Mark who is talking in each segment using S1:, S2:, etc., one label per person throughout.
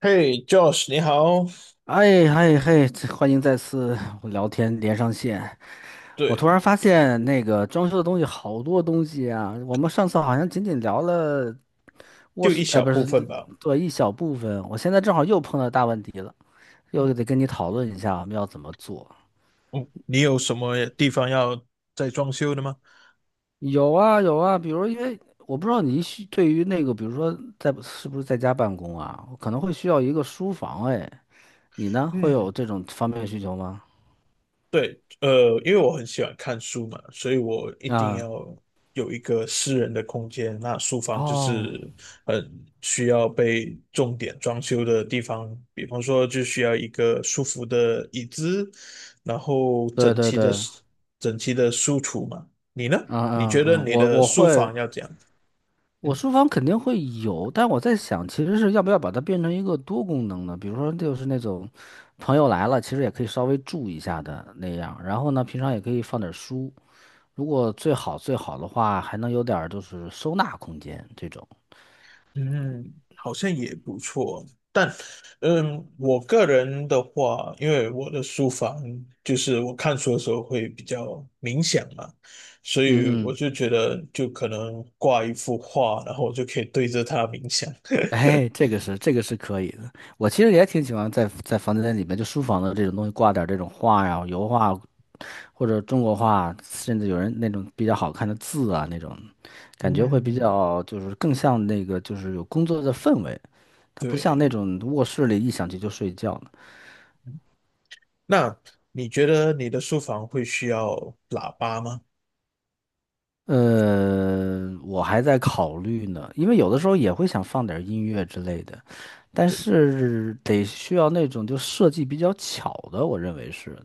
S1: 嘿，Josh，你好。
S2: 哎嗨嗨，欢迎再次我聊天连上线。我突
S1: 对，
S2: 然发现那个装修的东西好多东西啊，我们上次好像仅仅聊了卧
S1: 就
S2: 室，
S1: 一小
S2: 不
S1: 部
S2: 是，
S1: 分吧。
S2: 对，一小部分。我现在正好又碰到大问题了，又得跟你讨论一下我们要怎么做。
S1: 嗯，你有什么地方要再装修的吗？
S2: 有啊有啊，比如因为我不知道对于那个，比如说是不是在家办公啊，我可能会需要一个书房。哎，你呢，会有
S1: 嗯，
S2: 这种方面的需求吗？
S1: 对，因为我很喜欢看书嘛，所以我一定
S2: 啊，
S1: 要有一个私人的空间。那书房就
S2: 哦，
S1: 是很需要被重点装修的地方，比方说就需要一个舒服的椅子，然后
S2: 对
S1: 整
S2: 对
S1: 齐的
S2: 对。
S1: 书橱嘛。你呢？
S2: 嗯
S1: 你
S2: 嗯
S1: 觉得
S2: 嗯，
S1: 你
S2: 我
S1: 的
S2: 我
S1: 书
S2: 会，
S1: 房要怎样？
S2: 我
S1: 嗯。
S2: 书房肯定会有，但我在想，其实是要不要把它变成一个多功能的，比如说就是那种朋友来了，其实也可以稍微住一下的那样。然后呢，平常也可以放点儿书，如果最好最好的话，还能有点儿就是收纳空间这种。
S1: 嗯，好像也不错，但，我个人的话，因为我的书房就是我看书的时候会比较冥想嘛，所以
S2: 嗯
S1: 我
S2: 嗯，
S1: 就觉得就可能挂一幅画，然后我就可以对着它冥想。
S2: 哎，这个是可以的。我其实也挺喜欢在房间里面，就书房的这种东西挂点儿这种画呀、油画或者中国画，甚至有人那种比较好看的字啊那种感觉会比
S1: 嗯，
S2: 较就是更像那个就是有工作的氛围，它不像
S1: 对。
S2: 那种卧室里一响起就睡觉呢。
S1: 那你觉得你的书房会需要喇叭吗？
S2: 我还在考虑呢，因为有的时候也会想放点儿音乐之类的，但
S1: 对，
S2: 是得需要那种就设计比较巧的，我认为是。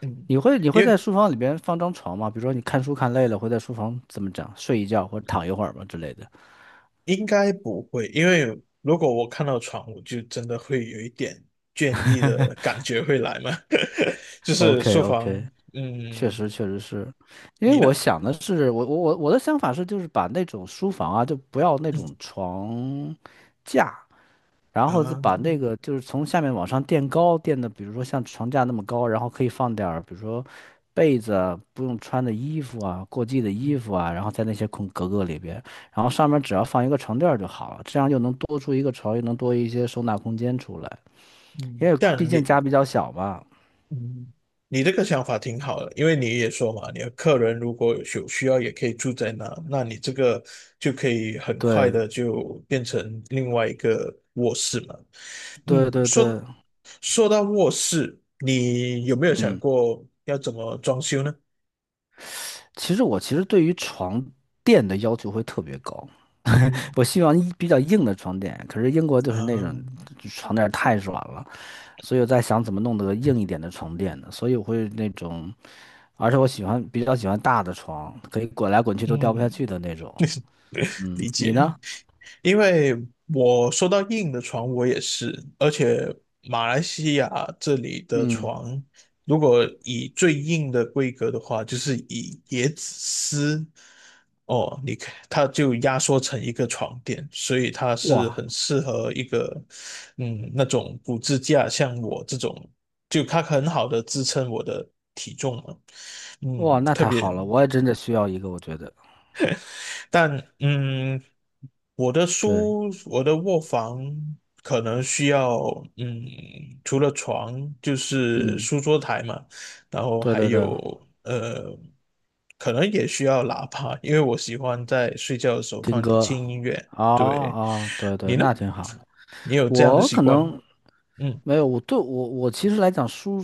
S1: 嗯，
S2: 你会你
S1: 因
S2: 会在
S1: 为
S2: 书房里边放张床吗？比如说你看书看累了，会在书房怎么讲睡一觉或者躺一会儿吗之类的
S1: 应该不会，因为如果我看到床，我就真的会有一点倦意的感觉会来嘛。就是
S2: ？OK
S1: 书房，
S2: OK，确
S1: 嗯，
S2: 实，确实是，因为
S1: 你
S2: 我
S1: 呢？
S2: 想的是，我的想法是，就是把那种书房啊，就不要那
S1: 嗯
S2: 种床架，然后再
S1: 啊，
S2: 把那个就是从下面往上垫高，垫的比如说像床架那么高，然后可以放点儿，比如说被子啊，不用穿的衣服啊，过季的
S1: 嗯
S2: 衣服啊，然后在那些空格格里边，然后上面只要放一个床垫儿就好了，这样又能多出一个床，又能多一些收纳空间出来，
S1: 嗯，
S2: 因为毕
S1: 但
S2: 竟家比较小嘛。
S1: 嗯，你这个想法挺好的，因为你也说嘛，你的客人如果有需要，也可以住在那，那你这个就可以很快
S2: 对，
S1: 的就变成另外一个卧室嘛。
S2: 对
S1: 嗯，
S2: 对对，
S1: 说说到卧室，你有没有想
S2: 嗯。
S1: 过要怎么装修呢？
S2: 其实我其实对于床垫的要求会特别高，
S1: 嗯
S2: 我希望一比较硬的床垫，可是英国就是那
S1: 啊，
S2: 种床垫太软了，所以我在想怎么弄得硬一点的床垫呢？所以我会那种，而且我喜欢比较喜欢大的床，可以滚来滚去都掉不下
S1: 嗯，
S2: 去的那种。嗯，
S1: 理
S2: 你
S1: 解。
S2: 呢？
S1: 因为我说到硬的床，我也是，而且马来西亚这里的
S2: 嗯，
S1: 床，如果以最硬的规格的话，就是以椰子丝，哦，你看它就压缩成一个床垫，所以它是
S2: 哇
S1: 很适合一个，那种骨支架，像我这种，就它很好的支撑我的体重嘛，
S2: 哇，
S1: 嗯，
S2: 那
S1: 特
S2: 太好
S1: 别。
S2: 了，我也真的需要一个，我觉得。
S1: 但嗯，
S2: 对，
S1: 我的卧房可能需要嗯，除了床就是
S2: 嗯，
S1: 书桌台嘛，然后
S2: 对
S1: 还
S2: 对对，
S1: 有可能也需要喇叭，因为我喜欢在睡觉的时候
S2: 听
S1: 放点
S2: 歌，
S1: 轻音乐。
S2: 哦
S1: 对，
S2: 哦，对对，
S1: 你呢？
S2: 那挺好的。
S1: 你有这样的
S2: 我
S1: 习
S2: 可
S1: 惯吗？
S2: 能
S1: 嗯
S2: 没有，我对我我其实来讲书，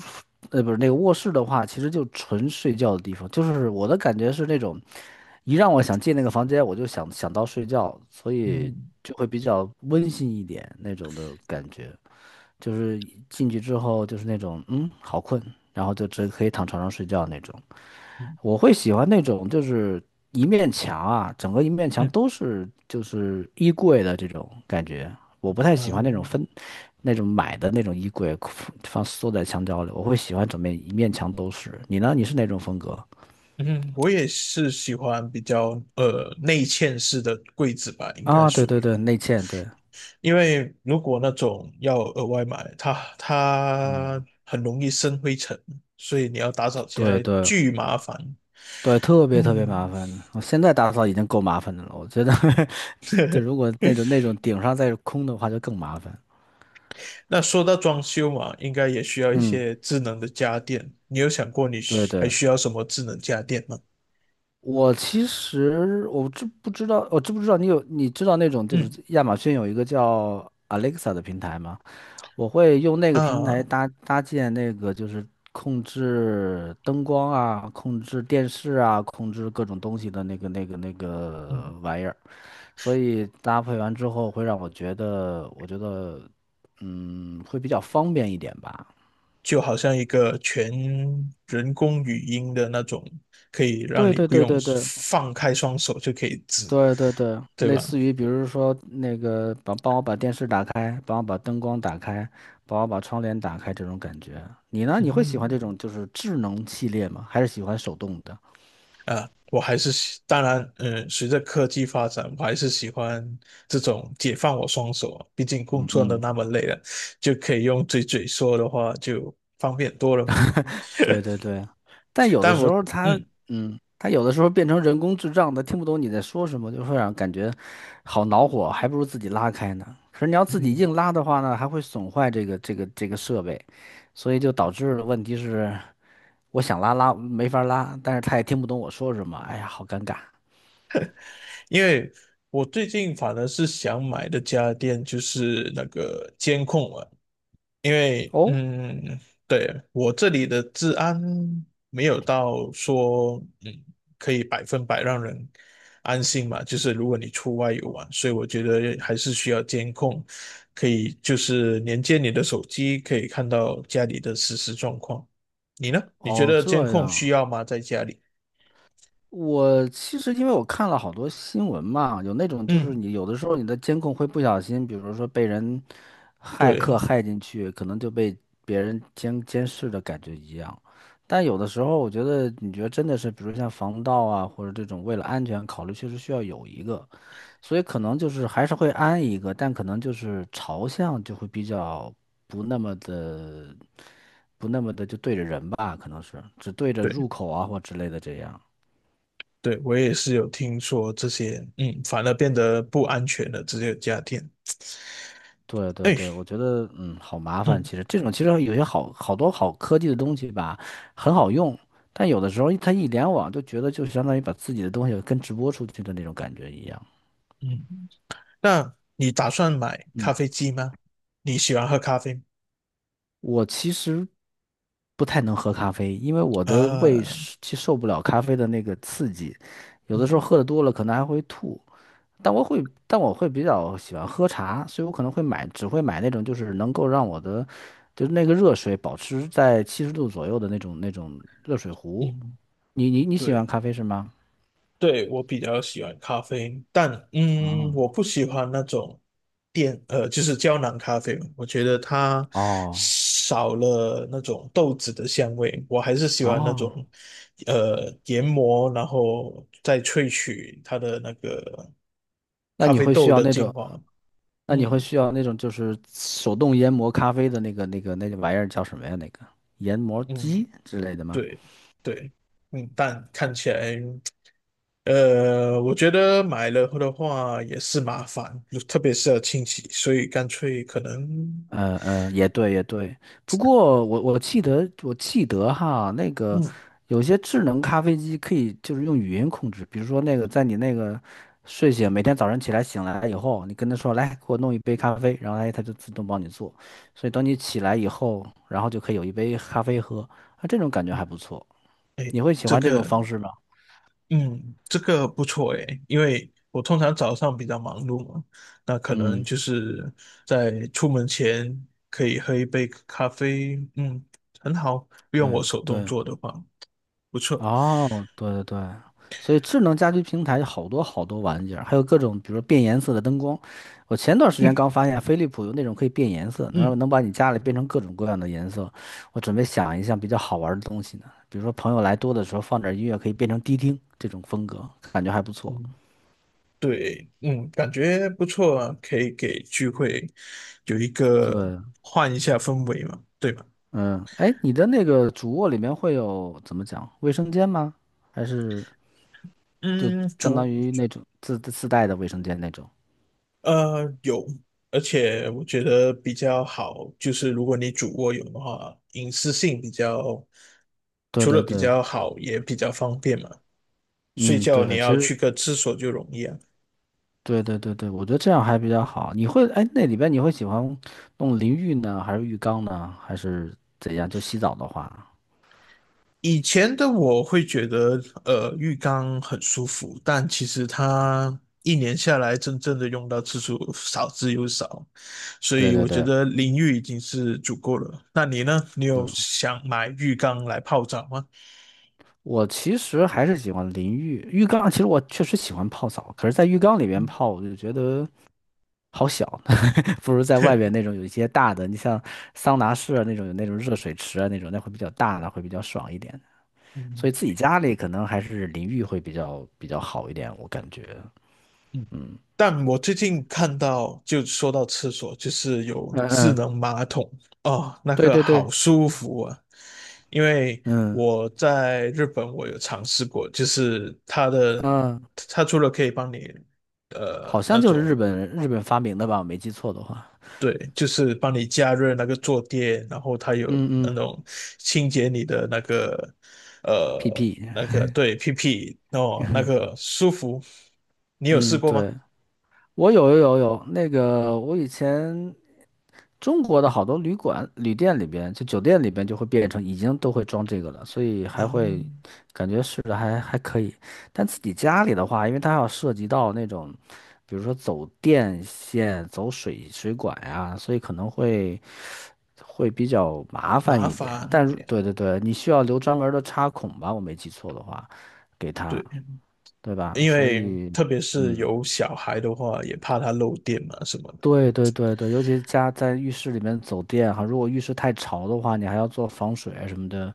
S2: 不是那个卧室的话，其实就纯睡觉的地方。就是我的感觉是那种，一让我想进那个房间，我就想到睡觉，所以
S1: 嗯
S2: 就会比较温馨一点那种的感觉。就是进去之后就是那种，嗯，好困，然后就只可以躺床上睡觉那种。
S1: 嗯
S2: 我会喜欢那种就是一面墙啊，整个一面墙
S1: 嗯
S2: 都是就是衣柜的这种感觉。我不太喜欢那种
S1: 嗯
S2: 分那种买的那种衣柜放缩在墙角里，我会喜欢整面一面墙都是。你呢？你是哪种风格？
S1: 嗯，我也是喜欢比较内嵌式的柜子吧，应该
S2: 啊，对
S1: 属
S2: 对
S1: 于。
S2: 对，内嵌，对
S1: 因为如果那种要额外买，它
S2: 嗯，
S1: 很容易生灰尘，所以你要打扫起
S2: 对
S1: 来
S2: 对
S1: 巨麻烦。
S2: 对，特别特别麻
S1: 嗯，
S2: 烦。我现在打扫已经够麻烦的了，我觉得 就如果那种那种顶上再是空的话，就更麻烦。
S1: 那说到装修嘛，应该也需要一
S2: 嗯，
S1: 些智能的家电。你有想过
S2: 对
S1: 还
S2: 对，
S1: 需要什么智能家电吗？
S2: 我其实我知不知道你知道那种就是
S1: 嗯
S2: 亚马逊有一个叫 Alexa 的平台吗？我会用那个平台
S1: 啊，
S2: 搭建那个就是控制灯光啊、控制电视啊、控制各种东西的那个
S1: 嗯，
S2: 玩意儿，所以搭配完之后会让我觉得，会比较方便一点吧。
S1: 就好像一个全人工语音的那种，可以让
S2: 对
S1: 你
S2: 对
S1: 不
S2: 对
S1: 用
S2: 对对。
S1: 放开双手就可以指，
S2: 对对对，
S1: 对
S2: 类
S1: 吧？
S2: 似于比如说那个帮帮我把电视打开，帮我把灯光打开，帮我把窗帘打开这种感觉。你呢？你会喜欢
S1: 嗯。
S2: 这种就是智能系列吗？还是喜欢手动的？
S1: 我还是喜，当然，随着科技发展，我还是喜欢这种解放我双手啊。毕竟工
S2: 嗯
S1: 作的
S2: 嗯，
S1: 那么累了，就可以用嘴说的话就方便多了。
S2: 对对对。但有的
S1: 但
S2: 时
S1: 我，
S2: 候它，
S1: 嗯
S2: 嗯，它有的时候变成人工智障它听不懂你在说什么，就会让感觉好恼火，还不如自己拉开呢。可是你要自己
S1: 嗯，
S2: 硬拉的话呢，还会损坏这个设备，所以就导致问题是。我想拉没法拉，但是他也听不懂我说什么，哎呀，好尴尬。
S1: 因为我最近反而是想买的家电就是那个监控啊，因为
S2: 哦，
S1: 对，我这里的治安没有到说可以百分百让人安心嘛，就是如果你出外游玩，所以我觉得还是需要监控，可以就是连接你的手机，可以看到家里的实时状况。你呢？你觉
S2: 哦，
S1: 得监
S2: 这
S1: 控
S2: 样。
S1: 需要吗？在家里？
S2: 我其实因为我看了好多新闻嘛，有那种就是
S1: 嗯，
S2: 你有的时候你的监控会不小心，比如说被人骇客
S1: 对。
S2: 骇进去，可能就被别人监视的感觉一样。但有的时候，我觉得你觉得真的是，比如像防盗啊，或者这种为了安全考虑，确实需要有一个。所以可能就是还是会安一个，但可能就是朝向就会比较不那么的不那么的就对着人吧，可能是只对着
S1: 对
S2: 入口啊或之类的这样。
S1: 对，我也是有听说这些，嗯，反而变得不安全了，只有家电。
S2: 对对
S1: 哎，
S2: 对，我觉得好麻烦。
S1: 嗯
S2: 其实这种其实有些好好多好科技的东西吧，很好用，但有的时候它一联网就觉得就相当于把自己的东西跟直播出去的那种感觉一样。
S1: 嗯。那你打算买咖
S2: 嗯。
S1: 啡机吗？你喜欢喝咖啡
S2: 我其实不太能喝咖啡，因为我的胃
S1: 啊？
S2: 是其实受不了咖啡的那个刺激，有的时候
S1: 嗯
S2: 喝的多了可能还会吐。但我会比较喜欢喝茶，所以我可能会买，只会买那种就是能够让我的，就是那个热水保持在七十度左右的那种那种热水壶。
S1: 嗯，
S2: 你你你喜欢
S1: 对
S2: 咖啡是吗？
S1: 对，我比较喜欢咖啡，但
S2: 嗯，
S1: 我不喜欢那种就是胶囊咖啡，我觉得它
S2: 哦
S1: 少了那种豆子的香味，我还是喜欢那
S2: 哦，
S1: 种研磨，然后再萃取它的那个
S2: 那
S1: 咖
S2: 你
S1: 啡
S2: 会需
S1: 豆
S2: 要
S1: 的
S2: 那
S1: 精
S2: 种。
S1: 华。
S2: 那你会
S1: 嗯
S2: 需要那种就是手动研磨咖啡的那个玩意儿叫什么呀？那个研磨
S1: 嗯。
S2: 机之类的吗？
S1: 对对，但看起来，我觉得买了的话也是麻烦，就特别是要清洗，所以干脆可能，
S2: 也对也对。不过我记得哈，那个
S1: 嗯，
S2: 有些智能咖啡机可以就是用语音控制，比如说那个在你那个睡醒每天早上起来醒来以后，你跟他说来给我弄一杯咖啡，然后哎他就自动帮你做。所以等你起来以后，然后就可以有一杯咖啡喝，啊，这种感觉还不错。你会喜
S1: 这
S2: 欢这种
S1: 个，
S2: 方式吗？
S1: 嗯，这个不错诶，因为我通常早上比较忙碌嘛，那可能
S2: 嗯。
S1: 就是在出门前可以喝一杯咖啡，嗯，很好，用我
S2: 对
S1: 手动
S2: 对，
S1: 做的话，不错，
S2: 哦，对对对，所以智能家居平台有好多好多玩意儿，还有各种比如说变颜色的灯光。我前段时间刚发现飞利浦有那种可以变颜色，能让
S1: 嗯。
S2: 能把你家里变成各种各样的颜色。我准备想一项比较好玩儿的东西呢，比如说朋友来多的时候放点儿音乐，可以变成迪厅这种风格，感觉还不错。
S1: 嗯对，感觉不错啊，可以给聚会有一个
S2: 对，
S1: 换一下氛围嘛，对吧？
S2: 嗯，哎，你的那个主卧里面会有怎么讲卫生间吗？还是就
S1: 嗯，
S2: 相当于那种自带的卫生间那种？
S1: 有，而且我觉得比较好，就是如果你主卧有的话，隐私性比较，
S2: 对
S1: 除了
S2: 对
S1: 比
S2: 对。
S1: 较好，也比较方便嘛。睡
S2: 嗯，
S1: 觉你
S2: 对，其
S1: 要
S2: 实
S1: 去个厕所就容易啊。
S2: 对对对对，我觉得这样还比较好。你会，哎，那里边你会喜欢弄淋浴呢，还是浴缸呢，还是怎样？就洗澡的话，
S1: 以前的我会觉得，浴缸很舒服，但其实它一年下来真正的用到次数少之又少，所
S2: 对
S1: 以
S2: 对
S1: 我觉
S2: 对
S1: 得淋浴已经是足够了。那你呢？你有
S2: 对，
S1: 想买浴缸来泡澡吗？
S2: 我其实还是喜欢淋浴，浴缸其实我确实喜欢泡澡，可是，在浴缸里 面
S1: 嗯
S2: 泡，我就觉得好小，不如在外边那种有一些大的，你像桑拿室啊那种有那种热水池啊那种，那会比较大的，会比较爽一点。所
S1: 嗯
S2: 以自己家里可能还是淋浴会比较比较好一点，我感觉，
S1: 嗯，
S2: 嗯。
S1: 但我最近看到，就说到厕所，就是有
S2: 嗯
S1: 智
S2: 嗯，
S1: 能马桶哦，那
S2: 对
S1: 个
S2: 对
S1: 好
S2: 对，
S1: 舒服啊！因为
S2: 嗯，
S1: 我在日本，我有尝试过，
S2: 嗯
S1: 它除了可以帮你，
S2: 好
S1: 那
S2: 像就是日
S1: 种，
S2: 本日本发明的吧，我没记错的话
S1: 对，就是帮你加热那个坐垫，然后它有
S2: 嗯
S1: 那
S2: 嗯
S1: 种清洁你的那个，
S2: ，PP。
S1: 那个对屁屁哦，那个舒服，你有试
S2: 嗯，
S1: 过吗？
S2: 对，我有，那个我以前中国的好多旅馆、旅店里边，就酒店里边就会变成已经都会装这个了，所以
S1: 啊。
S2: 还会感觉试着还还可以。但自己家里的话，因为它要涉及到那种，比如说走电线、走水管呀、所以可能会会比较麻烦
S1: 麻
S2: 一点。
S1: 烦点，
S2: 对对对，你需要留专门儿的插孔吧？我没记错的话，给
S1: 对
S2: 它，
S1: 对，
S2: 对吧？
S1: 因
S2: 所
S1: 为
S2: 以，
S1: 特别是
S2: 嗯。
S1: 有小孩的话，也怕它漏电嘛什么的，
S2: 对对对对，尤其家在浴室里面走电哈，如果浴室太潮的话，你还要做防水啊什么的。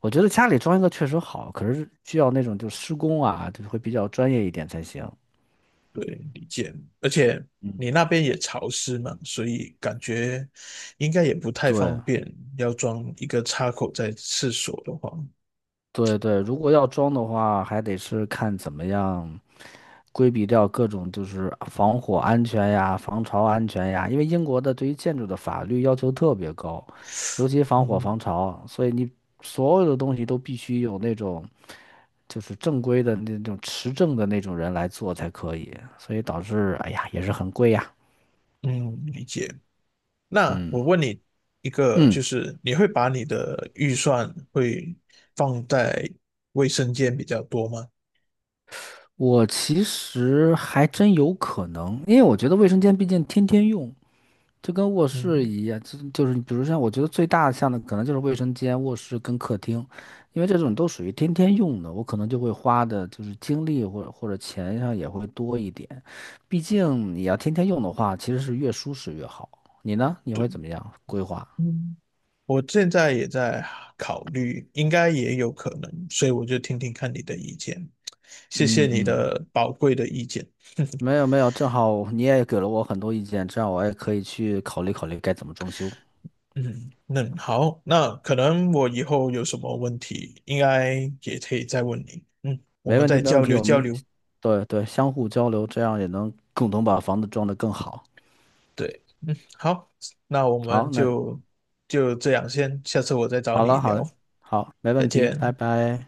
S2: 我觉得家里装一个确实好，可是需要那种就施工啊，就会比较专业一点才行。
S1: 对，理解。而且
S2: 嗯，
S1: 你那边也潮湿嘛，所以感觉应该也不太方
S2: 对
S1: 便，要装一个插口在厕所的话，
S2: 对对，如果要装的话，还得是看怎么样规避掉各种就是防火安全呀、防潮安全呀，因为英国的对于建筑的法律要求特别高，尤其防火
S1: 嗯
S2: 防潮，所以你所有的东西都必须有那种。就是正规的那种持证的那种人来做才可以，所以导致哎呀也是很贵呀。
S1: 嗯，理解。那我问你一个，就
S2: 嗯，
S1: 是你会把你的预算会放在卫生间比较多吗？
S2: 我其实还真有可能，因为我觉得卫生间毕竟天天用，就跟卧室
S1: 嗯
S2: 一样，就是比如像我觉得最大像的可能就是卫生间、卧室跟客厅，因为这种都属于天天用的，我可能就会花的就是精力或者钱上也会多一点，毕竟你要天天用的话，其实是越舒适越好。你呢？你会怎么样规划？
S1: 嗯。我现在也在考虑，应该也有可能，所以我就听听看你的意见。谢谢
S2: 嗯
S1: 你
S2: 嗯。
S1: 的宝贵的意见。
S2: 没有没有，正好你也给了我很多意见，这样我也可以去考虑考虑该怎么装修。
S1: 嗯，那好，那可能我以后有什么问题，应该也可以再问你。嗯，我
S2: 没
S1: 们
S2: 问题，
S1: 再
S2: 没问
S1: 交
S2: 题，
S1: 流
S2: 嗯我
S1: 交
S2: 们
S1: 流。
S2: 对对相互交流，这样也能共同把房子装得更好。
S1: 对，嗯，好，那我们
S2: 好，那
S1: 就这样先，下次我再找
S2: 好
S1: 你
S2: 了好
S1: 聊，
S2: 了，好，没问
S1: 再
S2: 题，拜
S1: 见。
S2: 拜。